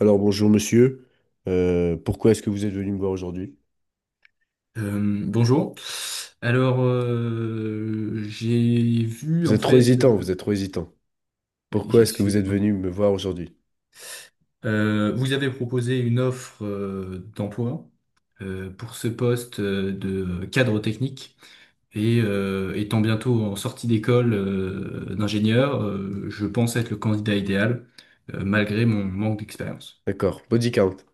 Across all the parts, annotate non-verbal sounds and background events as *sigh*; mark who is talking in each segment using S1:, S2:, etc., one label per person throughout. S1: Alors bonjour monsieur. Pourquoi est-ce que vous êtes venu me voir aujourd'hui?
S2: Bonjour. Alors, j'ai vu
S1: Vous
S2: en
S1: êtes trop
S2: fait,
S1: hésitant, vous êtes trop hésitant. Pourquoi est-ce que vous êtes
S2: excusez-moi.
S1: venu me voir aujourd'hui?
S2: Vous avez proposé une offre d'emploi pour ce poste de cadre technique et étant bientôt en sortie d'école d'ingénieur, je pense être le candidat idéal malgré mon manque d'expérience.
S1: D'accord, body count.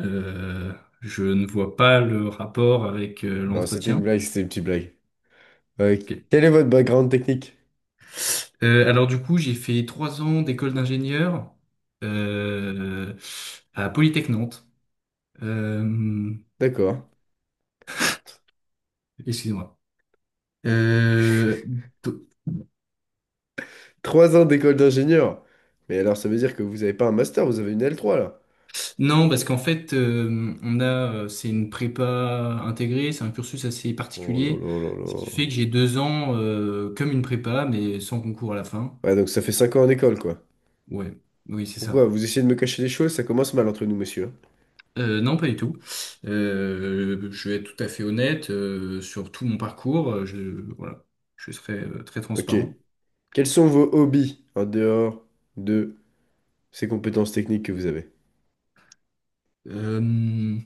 S2: Euh, je ne vois pas le rapport avec
S1: Non, c'était une
S2: l'entretien.
S1: blague, c'était une petite blague. Euh,
S2: Ok.
S1: quel est votre background technique?
S2: Alors du coup, j'ai fait trois ans d'école d'ingénieur euh, à Polytech Nantes. Euh,
S1: D'accord.
S2: Excusez-moi. Euh, do-
S1: Trois ans d'école d'ingénieur. Mais alors ça veut dire que vous n'avez pas un master, vous avez une L3 là.
S2: non, parce qu'en fait, on a, c'est une prépa intégrée, c'est un cursus assez
S1: Oh là
S2: particulier,
S1: là là
S2: ce qui
S1: là.
S2: fait que j'ai deux ans comme une prépa, mais sans concours à la fin.
S1: Ouais, donc ça fait cinq ans en école quoi.
S2: Ouais, oui, c'est
S1: Pourquoi?
S2: ça.
S1: Vous essayez de me cacher des choses, ça commence mal entre nous, monsieur, hein.
S2: Non, pas du tout. Je vais être tout à fait honnête sur tout mon parcours. Voilà, je serai très
S1: Ok.
S2: transparent.
S1: Quels sont vos hobbies en dehors de ces compétences techniques que vous avez?
S2: Euh,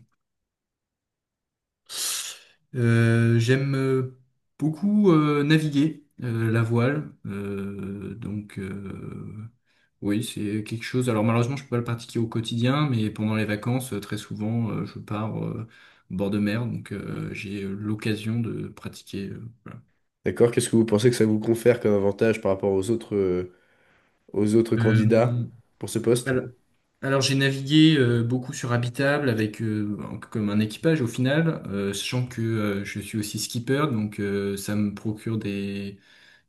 S2: J'aime beaucoup naviguer la voile. Donc oui, c'est quelque chose. Alors malheureusement, je peux pas le pratiquer au quotidien, mais pendant les vacances, très souvent, je pars au bord de mer, donc j'ai l'occasion de pratiquer. Voilà.
S1: D'accord. Qu'est-ce que vous pensez que ça vous confère comme avantage par rapport aux autres candidats
S2: Euh,
S1: pour ce poste? En
S2: alors, alors, j'ai navigué beaucoup sur Habitable avec comme un équipage au final, sachant que je suis aussi skipper, donc ça me procure des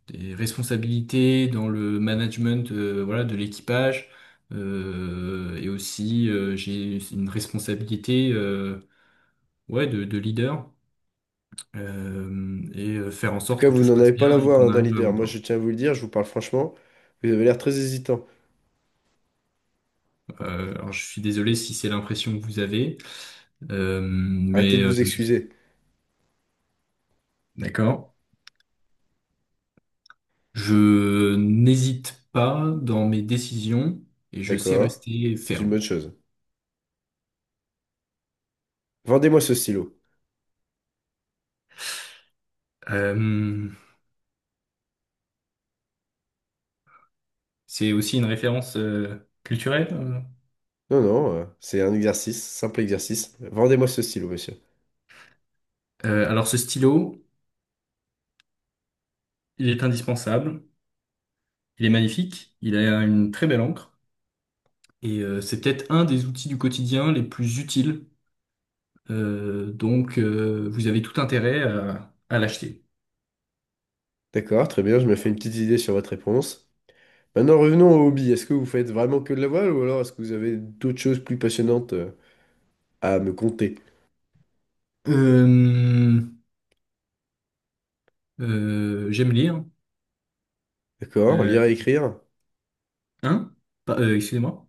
S2: des responsabilités dans le management, voilà, de l'équipage. Et aussi, j'ai une responsabilité, ouais, de leader, et faire en
S1: tout
S2: sorte
S1: cas,
S2: que
S1: vous
S2: tout se
S1: n'en avez
S2: passe
S1: pas la
S2: bien et
S1: voix, hein,
S2: qu'on
S1: d'un
S2: arrive à
S1: leader.
S2: bon
S1: Moi, je
S2: port.
S1: tiens à vous le dire, je vous parle franchement. Vous avez l'air très hésitant.
S2: Alors, je suis désolé si c'est l'impression que vous avez,
S1: Arrêtez
S2: mais
S1: de vous excuser.
S2: d'accord. Je n'hésite pas dans mes décisions et je sais
S1: D'accord.
S2: rester
S1: C'est une
S2: ferme.
S1: bonne chose. Vendez-moi ce stylo.
S2: Euh, c'est aussi une référence culturelle.
S1: Non, non, c'est un exercice, simple exercice. Vendez-moi ce stylo, monsieur.
S2: Alors ce stylo, il est indispensable, il est magnifique, il a une très belle encre et c'est peut-être un des outils du quotidien les plus utiles. Donc vous avez tout intérêt à l'acheter.
S1: D'accord, très bien, je me fais une petite idée sur votre réponse. Maintenant, revenons au hobby. Est-ce que vous faites vraiment que de la voile ou alors est-ce que vous avez d'autres choses plus passionnantes à me conter?
S2: Euh, J'aime lire.
S1: D'accord.
S2: Euh,
S1: Lire et écrire.
S2: hein? Excusez-moi.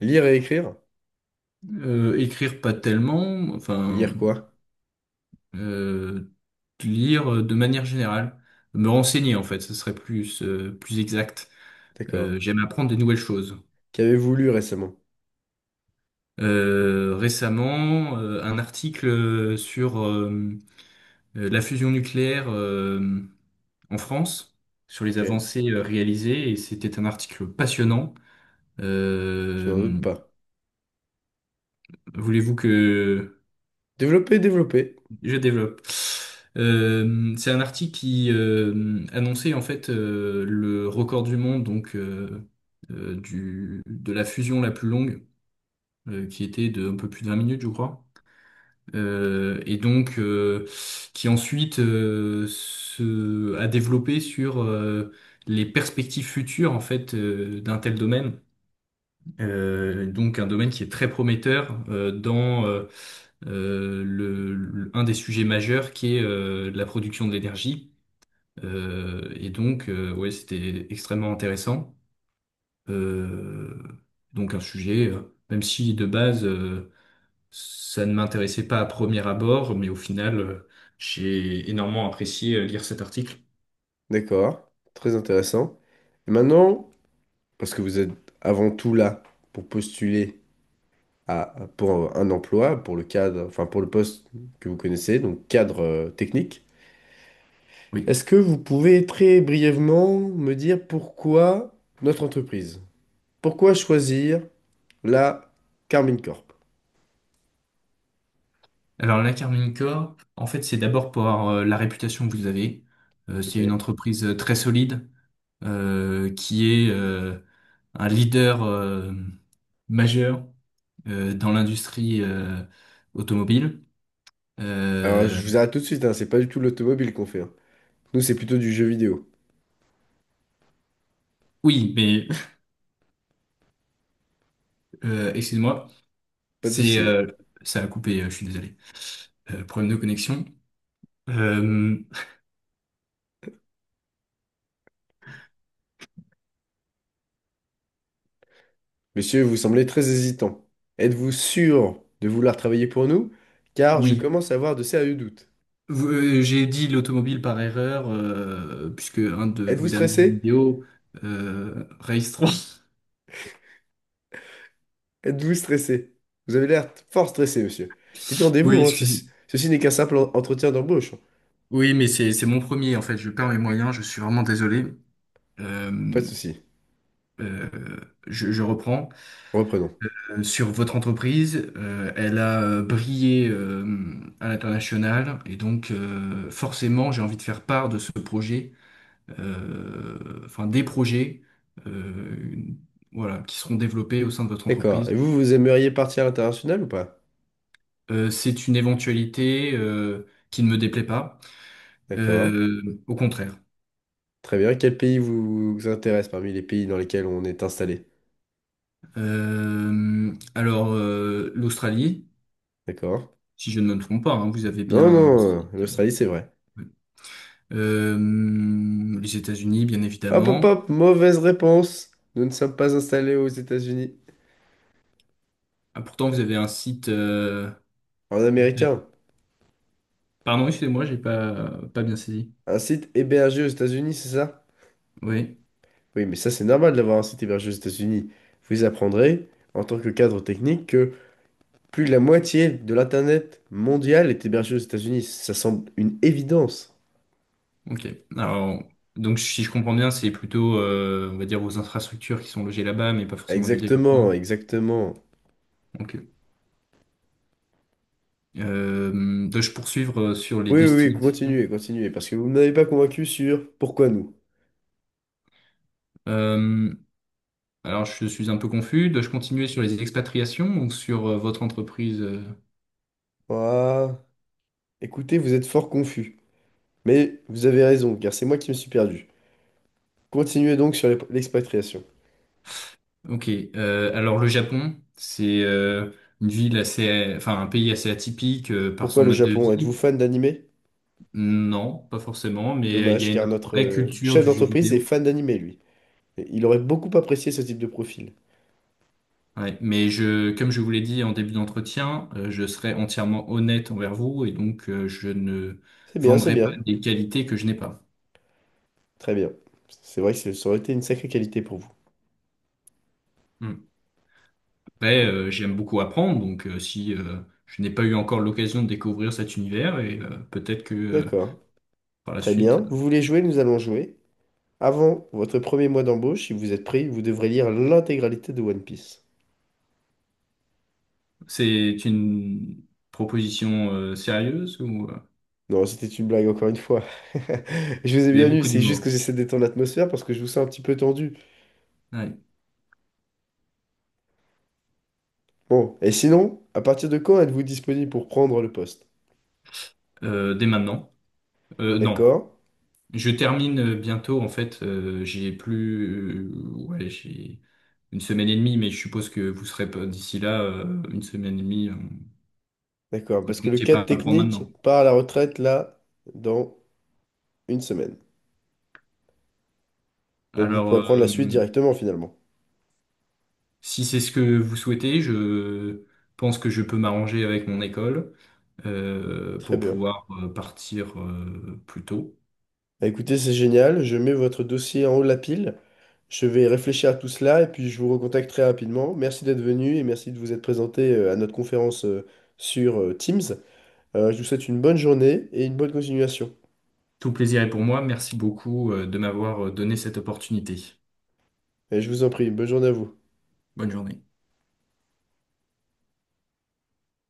S1: Lire et écrire.
S2: Écrire pas tellement, enfin
S1: Lire quoi?
S2: euh, lire de manière générale. Me renseigner en fait, ce serait plus plus exact.
S1: D'accord.
S2: J'aime apprendre des nouvelles choses.
S1: Qu'avez-vous lu récemment?
S2: Récemment un article sur la fusion nucléaire en France, sur les
S1: Ok.
S2: avancées réalisées, et c'était un article passionnant.
S1: Je n'en doute
S2: Euh,
S1: pas.
S2: Voulez-vous que
S1: Développer, développer.
S2: je développe? C'est un article qui annonçait en fait le record du monde, donc de la fusion la plus longue, qui était de un peu plus de 20 minutes, je crois. Et donc qui ensuite a développé sur les perspectives futures en fait d'un tel domaine. Donc un domaine qui est très prometteur dans un des sujets majeurs qui est la production de l'énergie. Et donc ouais, c'était extrêmement intéressant. Euh, donc un sujet, même si de base ça ne m'intéressait pas à premier abord, mais au final, j'ai énormément apprécié lire cet article.
S1: D'accord. Très intéressant. Et maintenant, parce que vous êtes avant tout là pour postuler à, pour un emploi, pour le cadre, enfin pour le poste que vous connaissez, donc cadre technique,
S2: Oui.
S1: est-ce que vous pouvez très brièvement me dire pourquoi notre entreprise? Pourquoi choisir la Carmine Corp?
S2: Alors, la Carmine Corp, en fait, c'est d'abord pour la réputation que vous avez. C'est une
S1: Ok.
S2: entreprise très solide, qui est un leader majeur dans l'industrie automobile.
S1: Alors, je
S2: Euh,
S1: vous arrête tout de suite, hein, c'est pas du tout l'automobile qu'on fait, hein. Nous, c'est plutôt du jeu vidéo.
S2: oui, mais *laughs* excusez-moi,
S1: Pas de
S2: c'est
S1: souci.
S2: ça a coupé, je suis désolé. Problème de connexion. Euh,
S1: Monsieur, vous semblez très hésitant. Êtes-vous sûr de vouloir travailler pour nous? Car je
S2: oui.
S1: commence à avoir de sérieux doutes.
S2: J'ai dit l'automobile par erreur, puisque un de
S1: Êtes-vous
S2: vos derniers jeux
S1: stressé?
S2: vidéo, Race 3. *laughs*
S1: Êtes-vous stressé? Vous avez l'air fort stressé, monsieur. Détendez-vous,
S2: Oui,
S1: hein, ceci,
S2: excusez.
S1: ceci n'est qu'un simple entretien d'embauche, hein.
S2: Oui, mais c'est mon premier, en fait. Je perds mes moyens, je suis vraiment désolé.
S1: Pas
S2: Euh,
S1: de souci.
S2: euh, je reprends.
S1: Reprenons.
S2: Sur votre entreprise, elle a brillé à l'international, et donc forcément, j'ai envie de faire part de ce projet, enfin des projets, euh, voilà, qui seront développés au sein de votre
S1: D'accord.
S2: entreprise.
S1: Et vous, vous aimeriez partir à l'international ou pas?
S2: C'est une éventualité qui ne me déplaît pas,
S1: D'accord.
S2: Euh, au contraire.
S1: Très bien. Quel pays vous intéresse parmi les pays dans lesquels on est installé?
S2: Alors, l'Australie,
S1: D'accord.
S2: si je ne me trompe pas, hein, vous avez
S1: Non,
S2: bien un
S1: non,
S2: site.
S1: l'Australie, c'est vrai.
S2: Oui. Les États-Unis, bien
S1: Hop, hop,
S2: évidemment.
S1: hop, mauvaise réponse. Nous ne sommes pas installés aux États-Unis.
S2: Ah, pourtant, vous avez un site.
S1: En américain,
S2: Pardon, excusez-moi, j'ai pas bien saisi.
S1: un site hébergé aux États-Unis, c'est ça?
S2: Oui,
S1: Oui, mais ça, c'est normal d'avoir un site hébergé aux États-Unis. Vous apprendrez, en tant que cadre technique, que plus de la moitié de l'Internet mondial est hébergé aux États-Unis. Ça semble une évidence.
S2: ok. Alors, donc si je comprends bien, c'est plutôt, on va dire, vos infrastructures qui sont logées là-bas, mais pas forcément du
S1: Exactement,
S2: développement.
S1: exactement.
S2: Ok. Dois-je poursuivre sur les
S1: Oui, oui, oui,
S2: destinations?
S1: continuez, continuez, parce que vous ne m'avez pas convaincu sur pourquoi nous.
S2: Euh, alors, je suis un peu confus. Dois-je continuer sur les expatriations ou sur votre entreprise?
S1: Ah, écoutez, vous êtes fort confus. Mais vous avez raison, car c'est moi qui me suis perdu. Continuez donc sur l'expatriation.
S2: Ok. Alors, le Japon, c'est une ville assez, enfin, un pays assez atypique par
S1: Pourquoi
S2: son
S1: le
S2: mode de
S1: Japon? Êtes-vous
S2: vie.
S1: fan d'anime?
S2: Non, pas forcément, mais il y
S1: Dommage,
S2: a une
S1: car notre
S2: vraie culture
S1: chef
S2: du jeu
S1: d'entreprise est
S2: vidéo.
S1: fan d'anime, lui. Et il aurait beaucoup apprécié ce type de profil.
S2: Ouais. Mais je, comme je vous l'ai dit en début d'entretien, je serai entièrement honnête envers vous et donc je ne
S1: C'est bien, c'est
S2: vendrai pas
S1: bien.
S2: des qualités que je n'ai pas.
S1: Très bien. C'est vrai que ça aurait été une sacrée qualité pour vous.
S2: Après,
S1: Oh.
S2: j'aime beaucoup apprendre, donc si je n'ai pas eu encore l'occasion de découvrir cet univers, et peut-être que
S1: D'accord.
S2: par la
S1: Très bien.
S2: suite,
S1: Vous voulez jouer? Nous allons jouer. Avant votre premier mois d'embauche, si vous êtes pris, vous devrez lire l'intégralité de One Piece.
S2: c'est une proposition sérieuse ou
S1: Non, c'était une blague encore une fois. *laughs* Je vous ai
S2: vous avez
S1: bien eu,
S2: beaucoup
S1: c'est juste que
S2: d'humour?
S1: j'essaie de détendre l'atmosphère parce que je vous sens un petit peu tendu.
S2: Ouais.
S1: Bon, et sinon, à partir de quand êtes-vous disponible pour prendre le poste?
S2: Dès maintenant? Non.
S1: D'accord.
S2: Je termine bientôt, en fait, j'ai plus... ouais, j'ai une semaine et demie, mais je suppose que vous serez pas d'ici là, une semaine et demie, vous
S1: D'accord,
S2: ne
S1: parce que le
S2: comptiez
S1: cadre
S2: pas pour
S1: technique
S2: maintenant.
S1: part à la retraite là dans une semaine. Donc vous
S2: Alors...
S1: pourrez prendre la suite directement finalement.
S2: Si c'est ce que vous souhaitez, je pense que je peux m'arranger avec mon école
S1: Très
S2: pour
S1: bien.
S2: pouvoir partir plus tôt.
S1: Bah, écoutez, c'est génial. Je mets votre dossier en haut de la pile. Je vais réfléchir à tout cela et puis je vous recontacte très rapidement. Merci d'être venu et merci de vous être présenté à notre conférence sur Teams. Je vous souhaite une bonne journée et une bonne continuation.
S2: Tout plaisir est pour moi. Merci beaucoup de m'avoir donné cette opportunité.
S1: Et je vous en prie, bonne journée à vous.
S2: Bonne journée.